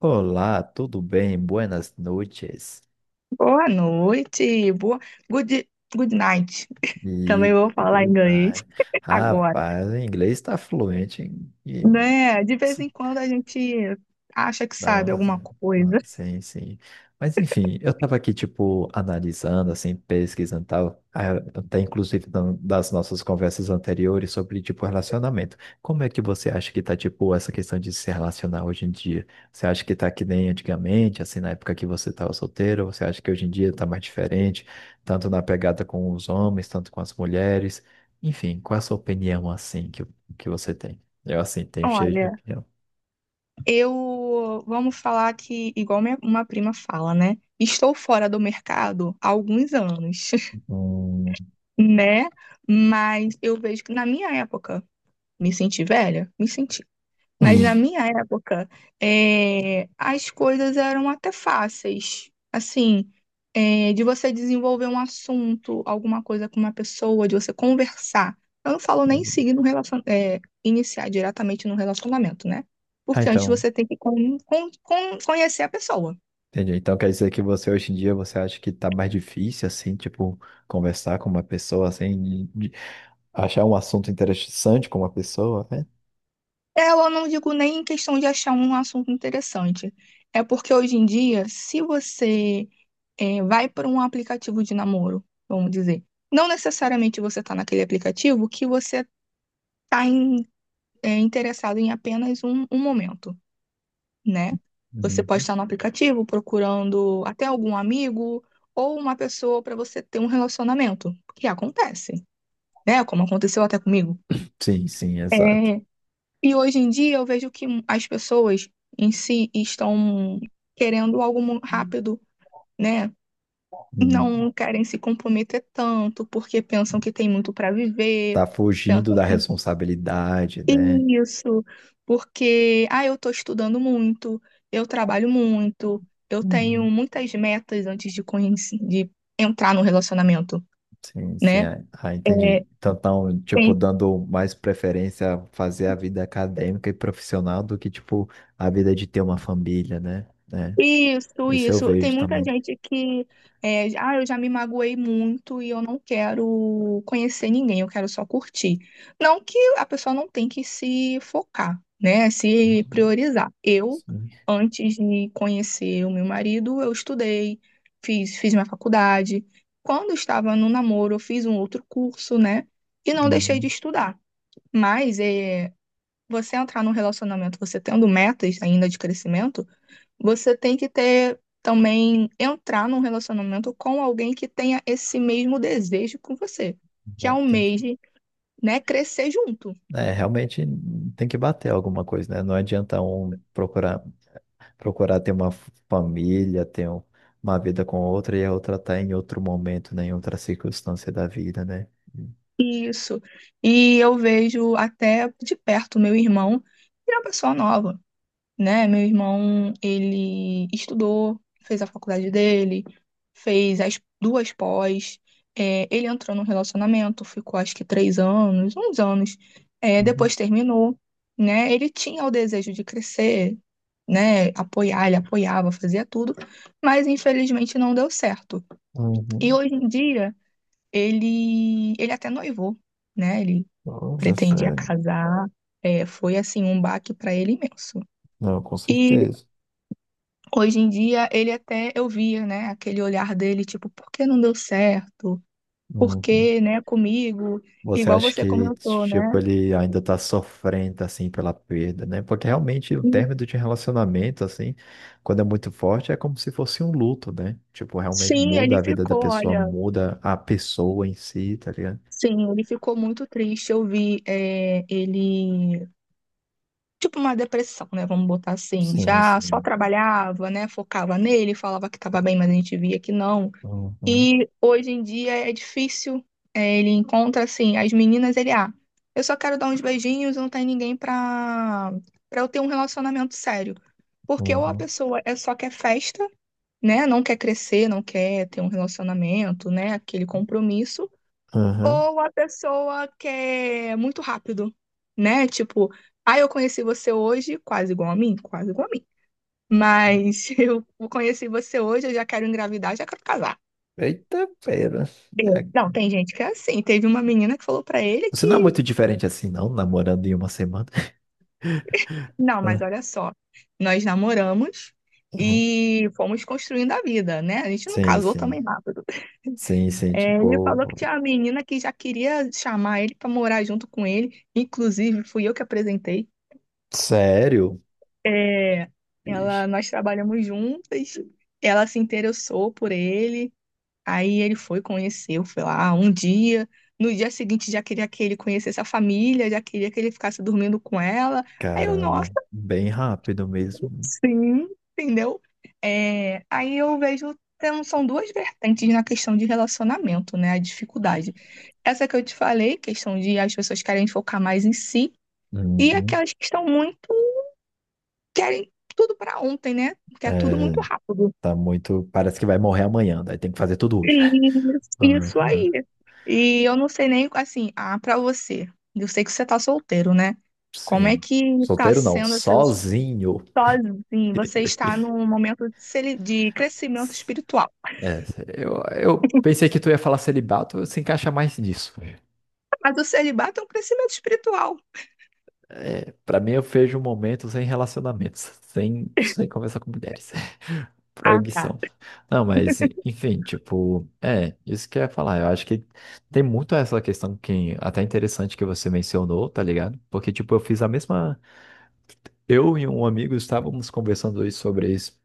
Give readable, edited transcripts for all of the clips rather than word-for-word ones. Olá, tudo bem? Buenas noites. Boa noite, boa good, good night. Também E vou falar boa inglês noite. agora, Rapaz, o inglês está fluente né? De vez em quando a gente acha que Dá pra sabe fazer. alguma Ah, coisa. Sim, sim. Mas enfim, eu tava aqui, tipo, analisando, assim, pesquisando e tal, até inclusive das nossas conversas anteriores sobre, tipo, relacionamento. Como é que você acha que tá, tipo, essa questão de se relacionar hoje em dia? Você acha que tá que nem antigamente, assim, na época que você tava solteiro? Ou você acha que hoje em dia tá mais diferente, tanto na pegada com os homens, tanto com as mulheres? Enfim, qual é a sua opinião, assim, que você tem? Eu, assim, tenho cheio de Olha, opinião. eu vamos falar que igual minha, uma prima fala, né? Estou fora do mercado há alguns anos, Hum. né? Mas eu vejo que na minha época, me senti velha, me senti. Mas na minha época, as coisas eram até fáceis. Assim, de você desenvolver um assunto, alguma coisa com uma pessoa, de você conversar. Eu não falo nem seguir no relacion... iniciar diretamente no relacionamento, né? Ah, Porque antes então, você tem que conhecer a pessoa. entendi. Então quer dizer que você hoje em dia você acha que tá mais difícil assim, tipo, conversar com uma pessoa assim, de achar um assunto interessante com uma pessoa, né? Eu não digo nem em questão de achar um assunto interessante. É porque hoje em dia, se você vai para um aplicativo de namoro, vamos dizer. Não necessariamente você está naquele aplicativo que você está interessado em apenas um momento, né? Você pode Uhum. estar no aplicativo procurando até algum amigo ou uma pessoa para você ter um relacionamento, que acontece, né? Como aconteceu até comigo. Sim, sim, exato. É, e hoje em dia eu vejo que as pessoas em si estão querendo algo Hum. rápido, né? Hum. Não querem se comprometer tanto, porque pensam que tem muito para viver, Tá pensam fugindo da que responsabilidade, né? isso, porque ah, eu estou estudando muito, eu trabalho muito, eu Uhum. tenho muitas metas antes de conhecer, de entrar no relacionamento, Sim, sim, né? Entendi. É, Então, tão, tipo, tem. dando mais preferência a fazer a vida acadêmica e profissional do que, tipo, a vida de ter uma família, né? É, Isso, isso eu isso. Tem vejo muita também. gente que, ah, eu já me magoei muito e eu não quero conhecer ninguém, eu quero só curtir. Não que a pessoa não tem que se focar, né? Se Uhum. priorizar. Eu, Sim. antes de conhecer o meu marido, eu estudei, fiz minha faculdade. Quando eu estava no namoro, eu fiz um outro curso, né? E não deixei de Uhum. estudar. Mas é, você entrar num relacionamento, você tendo metas ainda de crescimento, você tem que ter também entrar num relacionamento com alguém que tenha esse mesmo desejo com você, que Não, entendi. almeje, né, crescer junto. É, realmente tem que bater alguma coisa, né? Não adianta um procurar, procurar ter uma família, uma vida com outra e a outra tá em outro momento, né? Em outra circunstância da vida, né? Isso. E eu vejo até de perto meu irmão, que é uma pessoa nova, né? Meu irmão, ele estudou, fez a faculdade dele, fez as duas pós, ele entrou num relacionamento, ficou acho que três anos, uns anos, é, Uhum. depois terminou, né? Ele tinha o desejo de crescer, né? Apoiar, ele apoiava, fazia tudo, mas infelizmente não deu certo. E Uhum. hoje em dia, ele até noivou, né? Ele Nossa, pretendia sério. casar, é, foi assim um baque para ele imenso. Não, com E certeza. hoje em dia, ele até eu via, né, aquele olhar dele, tipo, por que não deu certo? Por Uhum. que, né, comigo? Você Igual acha você que, comentou, né? tipo, ele ainda tá sofrendo, assim, pela perda, né? Porque realmente o término de relacionamento, assim, quando é muito forte, é como se fosse um luto, né? Tipo, realmente Sim, muda ele a vida da ficou, pessoa, olha, muda a pessoa em si, tá ligado? sim, ele ficou muito triste. Eu vi, é, ele, tipo, uma depressão, né? Vamos botar assim. Sim, Já só sim. trabalhava, né? Focava nele, falava que tava bem, mas a gente via que não. Uhum, E hoje em dia é difícil. É, ele encontra assim, as meninas, ele, ah, eu só quero dar uns beijinhos, não tem ninguém pra, pra eu ter um relacionamento sério. Porque ou a uhum. pessoa é só quer festa, né? Não quer crescer, não quer ter um relacionamento, né? Aquele compromisso. Aham. Ou a pessoa quer muito rápido, né? Tipo, ah, eu conheci você hoje, quase igual a mim, quase igual a mim. Mas eu conheci você hoje, eu já quero engravidar, já quero casar. Eita, pera. É, É. não, tem gente que é assim. Teve uma menina que falou pra ele Você não é que, muito diferente assim, não, namorando em uma semana. não, mas olha só, nós namoramos Ah, uhum. e fomos construindo a vida, né? A gente não Sim, casou também sim. rápido. Sim, sim, É, ele falou que tipo, tinha uma menina que já queria chamar ele pra morar junto com ele, inclusive fui eu que apresentei. sério? É, Ixi. ela, nós trabalhamos juntas, ela se interessou por ele. Aí ele foi, conheceu, foi lá um dia. No dia seguinte já queria que ele conhecesse a família, já queria que ele ficasse dormindo com ela. Aí eu, nossa, Caramba, bem rápido mesmo. sim, entendeu? É, aí eu vejo, são duas vertentes na questão de relacionamento, né? A dificuldade. Essa que eu te falei, questão de as pessoas querem focar mais em si, e Uhum. aquelas que estão muito, querem tudo para ontem, né? Quer tudo muito rápido. Tá muito. Parece que vai morrer amanhã, daí tem que fazer tudo hoje. Isso Aham. aí. E eu não sei nem, assim, ah, pra você, eu sei que você tá solteiro, né? Como é Sim. que tá Solteiro não, sendo essas sozinho. sozinho? Você está num momento de de crescimento espiritual. É, eu pensei que tu ia falar celibato, se encaixa mais nisso. Mas o celibato é um crescimento espiritual. É, para mim, eu vejo um momento sem relacionamentos, sem conversar com mulheres. Ah, tá. Proibição. Não, mas, enfim, tipo, é, isso que eu ia falar. Eu acho que tem muito essa questão que até interessante que você mencionou, tá ligado? Porque, tipo, eu fiz a mesma. Eu e um amigo estávamos conversando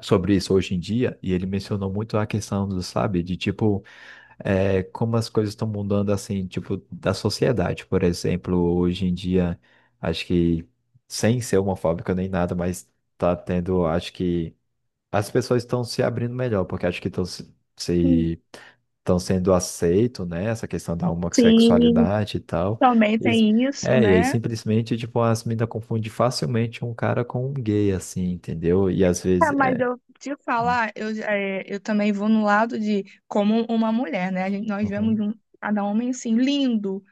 sobre isso hoje em dia, e ele mencionou muito a questão do, sabe, de tipo como as coisas estão mudando, assim, tipo, da sociedade, por exemplo, hoje em dia, acho que, sem ser homofóbica nem nada, mas tá tendo, acho que, as pessoas estão se abrindo melhor, porque acho que estão se, Sim, se, estão sendo aceito, né, essa questão da sim, homossexualidade e tal, também e, tem isso, é, e aí né? simplesmente, tipo, as meninas confundem facilmente um cara com um gay, assim, entendeu? E às Ah, vezes, mas é... eu te falar, eu, é, eu também vou no lado de como uma mulher, né? A gente- nós vemos Uhum. um, cada homem assim, lindo,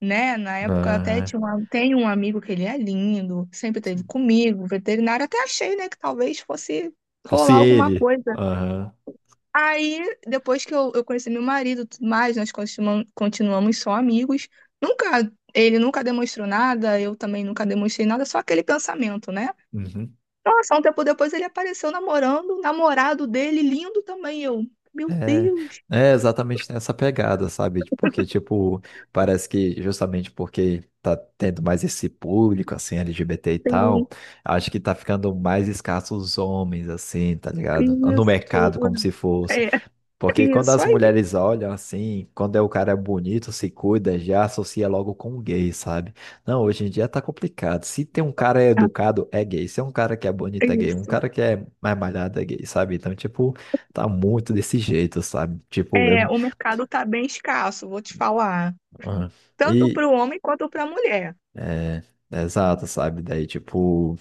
né? Na época eu até Aham. tinha um, tem um amigo que ele é lindo, sempre teve comigo, veterinário, até achei, né, que talvez fosse Fosse rolar alguma ele. coisa. Aham. Aí, depois que eu conheci meu marido, e tudo mais, continuamos só amigos. Nunca, ele nunca demonstrou nada, eu também nunca demonstrei nada, só aquele pensamento, né? Uhum. Nossa, um tempo depois ele apareceu namorando, o namorado dele, lindo também. Eu, meu É, Deus, é exatamente nessa pegada, sabe? Porque, tipo, parece que justamente porque tá tendo mais esse público, assim, LGBT e tem tal, acho que tá ficando mais escasso os homens, assim, tá ligado? No isso, mercado, os- como se fosse. é Porque quando isso as aí, mulheres olham assim, quando é o cara bonito, se cuida, já associa logo com gay, sabe? Não, hoje em dia tá complicado. Se tem um cara educado, é gay. Se é um cara que é é bonito, é gay. Um isso. cara que é mais malhado, é gay, sabe? Então, tipo, tá muito desse jeito, sabe? Tipo, É, eu. o mercado está bem escasso, vou te falar. Ah. Tanto E, para o homem quanto para a mulher. é, exato, sabe? Daí, tipo,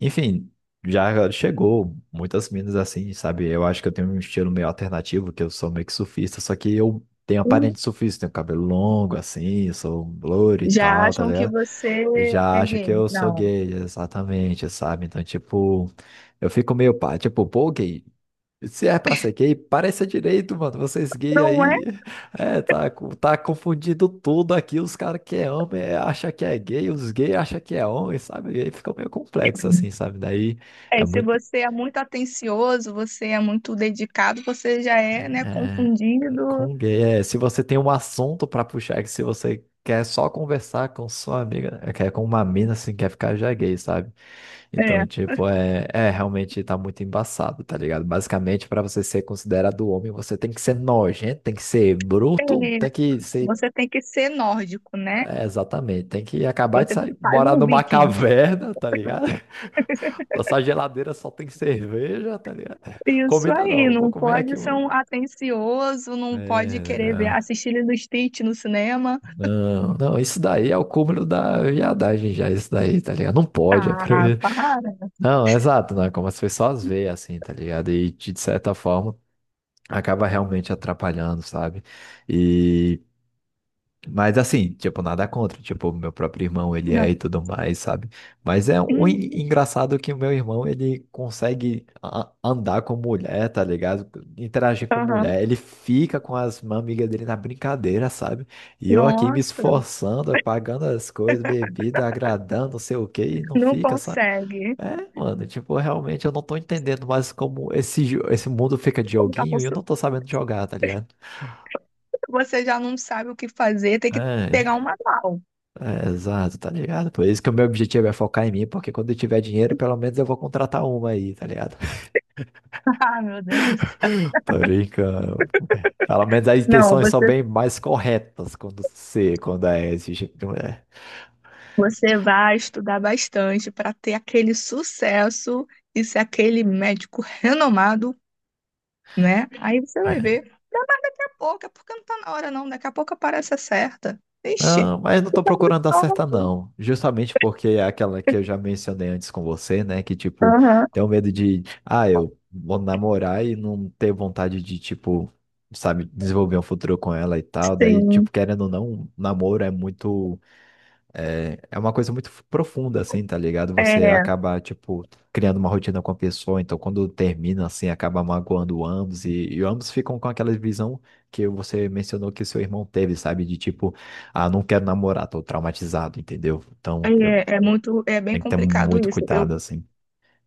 enfim, já chegou muitas minas assim, sabe? Eu acho que eu tenho um estilo meio alternativo, que eu sou meio que surfista, só que eu tenho aparência Uhum. de surfista, tenho cabelo longo assim, sou loiro e Já tal, tá acham que ligado? você Eu já é acho gay. que eu sou Não. gay, exatamente, sabe? Então, tipo, eu fico meio pá, tipo, pô, gay. Se é pra ser gay, pareça direito, mano. Vocês gay Não é? aí, tá confundindo tudo aqui. Os caras que é homem acha que é gay, os gays acham que é homem, sabe? E aí fica meio complexo assim, sabe? Daí é É, se muito você é muito atencioso, você é muito dedicado, você já é, né, é, confundido. com gay. É, se você tem um assunto pra puxar, é que se você quer só conversar com sua amiga, é, quer com uma mina assim, quer ficar já gay, sabe? É. Então, tipo, é realmente tá muito embaçado, tá ligado? Basicamente, pra você ser considerado homem, você tem que ser nojento, tem que ser É, bruto, tem que ser você tem que ser nórdico, né? É, exatamente. Tem que acabar de Você sair, faz morar um numa viking. caverna, tá ligado? Nossa geladeira só tem cerveja, tá ligado? Isso Comida aí, não, vou não comer pode aqui ser hoje. um atencioso, não pode É, querer ver, né? assistir Lilo e Stitch no cinema. Não, isso daí é o cúmulo da viadagem já, isso daí, tá ligado? Não pode, é pra... Ah, para. Não, é exato, né? Como as pessoas veem, assim, tá ligado? E de certa forma acaba realmente atrapalhando, sabe? E mas assim, tipo, nada contra. Tipo, meu próprio irmão, ele é Não. e tudo mais, sabe? Mas é um Uhum. engraçado que o meu irmão, ele consegue andar com mulher, tá ligado? Interagir com Aham. mulher. Ele fica com as amigas dele na brincadeira, sabe? E eu aqui me Nossa, esforçando, pagando as coisas, bebida, agradando, não sei o quê, e não não fica, sabe? consegue. É, mano, tipo, realmente eu não tô entendendo mais como esse mundo fica de Como tá joguinho e eu possu- não tô sabendo jogar, tá ligado? Você já não sabe o que fazer, tem que pegar É, um manual. é, exato, tá ligado? Por isso que o meu objetivo é focar em mim, porque quando eu tiver dinheiro, pelo menos eu vou contratar uma aí, tá ligado? Ah, meu Deus do céu. Tô brincando. Pelo menos as Não, intenções são bem mais corretas quando você, quando é esse tipo, é. você vai estudar bastante para ter aquele sucesso e ser aquele médico renomado, né? Aí você vai ver. Daqui a pouco, é porque não tá na hora, não. Daqui a pouco aparece a certa. Ixi. Não, mas não tô procurando dar certa, não. Justamente porque é aquela que eu já mencionei antes com você, né? Que, tipo, Aham, tenho medo de, ah, eu vou namorar e não ter vontade de, tipo, sabe, desenvolver um futuro com ela e tal. Daí, sim. tipo, querendo ou não, namoro é muito. É, é uma coisa muito profunda, assim, tá ligado? Você É, acaba, tipo, criando uma rotina com a pessoa, então quando termina, assim, acaba magoando ambos, e ambos ficam com aquela visão que você mencionou que seu irmão teve, sabe? De tipo, ah, não quero namorar, tô traumatizado, entendeu? Então, eu é muito, é bem tenho que ter complicado muito isso. Eu cuidado, assim.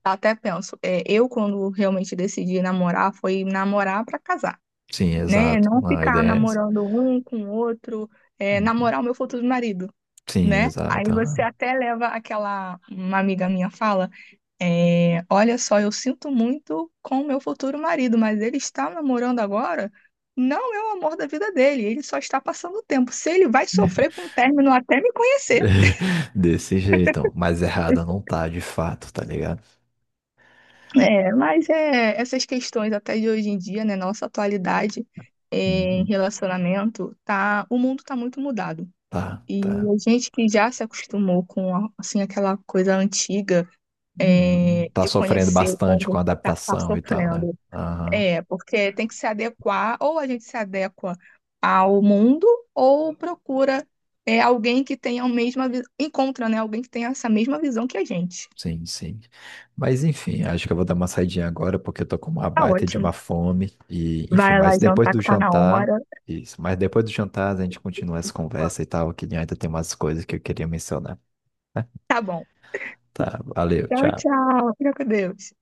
até penso, é, eu quando realmente decidi namorar foi namorar pra casar, Sim, né? exato. Não Uma ficar ideia é essa. namorando um com o outro, é, Uhum. namorar o meu futuro marido, Sim, né? exato. Aí você Aham. até leva aquela, uma amiga minha fala, é, olha só, eu sinto muito com o meu futuro marido, mas ele está namorando agora, não é o amor da vida dele, ele só está passando o tempo. Se ele vai sofrer com o término até me conhecer. Desse jeito, mas errada não tá, de fato, tá ligado? É, mas é, essas questões até de hoje em dia, né, nossa atualidade é, em Uhum. relacionamento, tá, o mundo tá muito mudado. Tá, E tá. a gente que já se acostumou com assim aquela coisa antiga Uhum. é, Tá de sofrendo conhecer bastante com quando a tá, tá adaptação e tal, né? sofrendo. Aham, É, porque tem que se adequar, ou a gente se adequa ao mundo, ou procura é, alguém que tenha a mesma, encontra, né, alguém que tenha essa mesma visão que a gente. sim, sim. Mas enfim, acho que eu vou dar uma saidinha agora porque eu tô com uma Tá baita de ótimo. uma fome. E, enfim, Vai mas lá depois jantar do que tá na jantar, hora. isso, mas depois do jantar a gente continua essa conversa e tal, que ainda tem umas coisas que eu queria mencionar. Né? Tá bom. Tá, valeu, Tchau, tchau. tchau. Fica com Deus.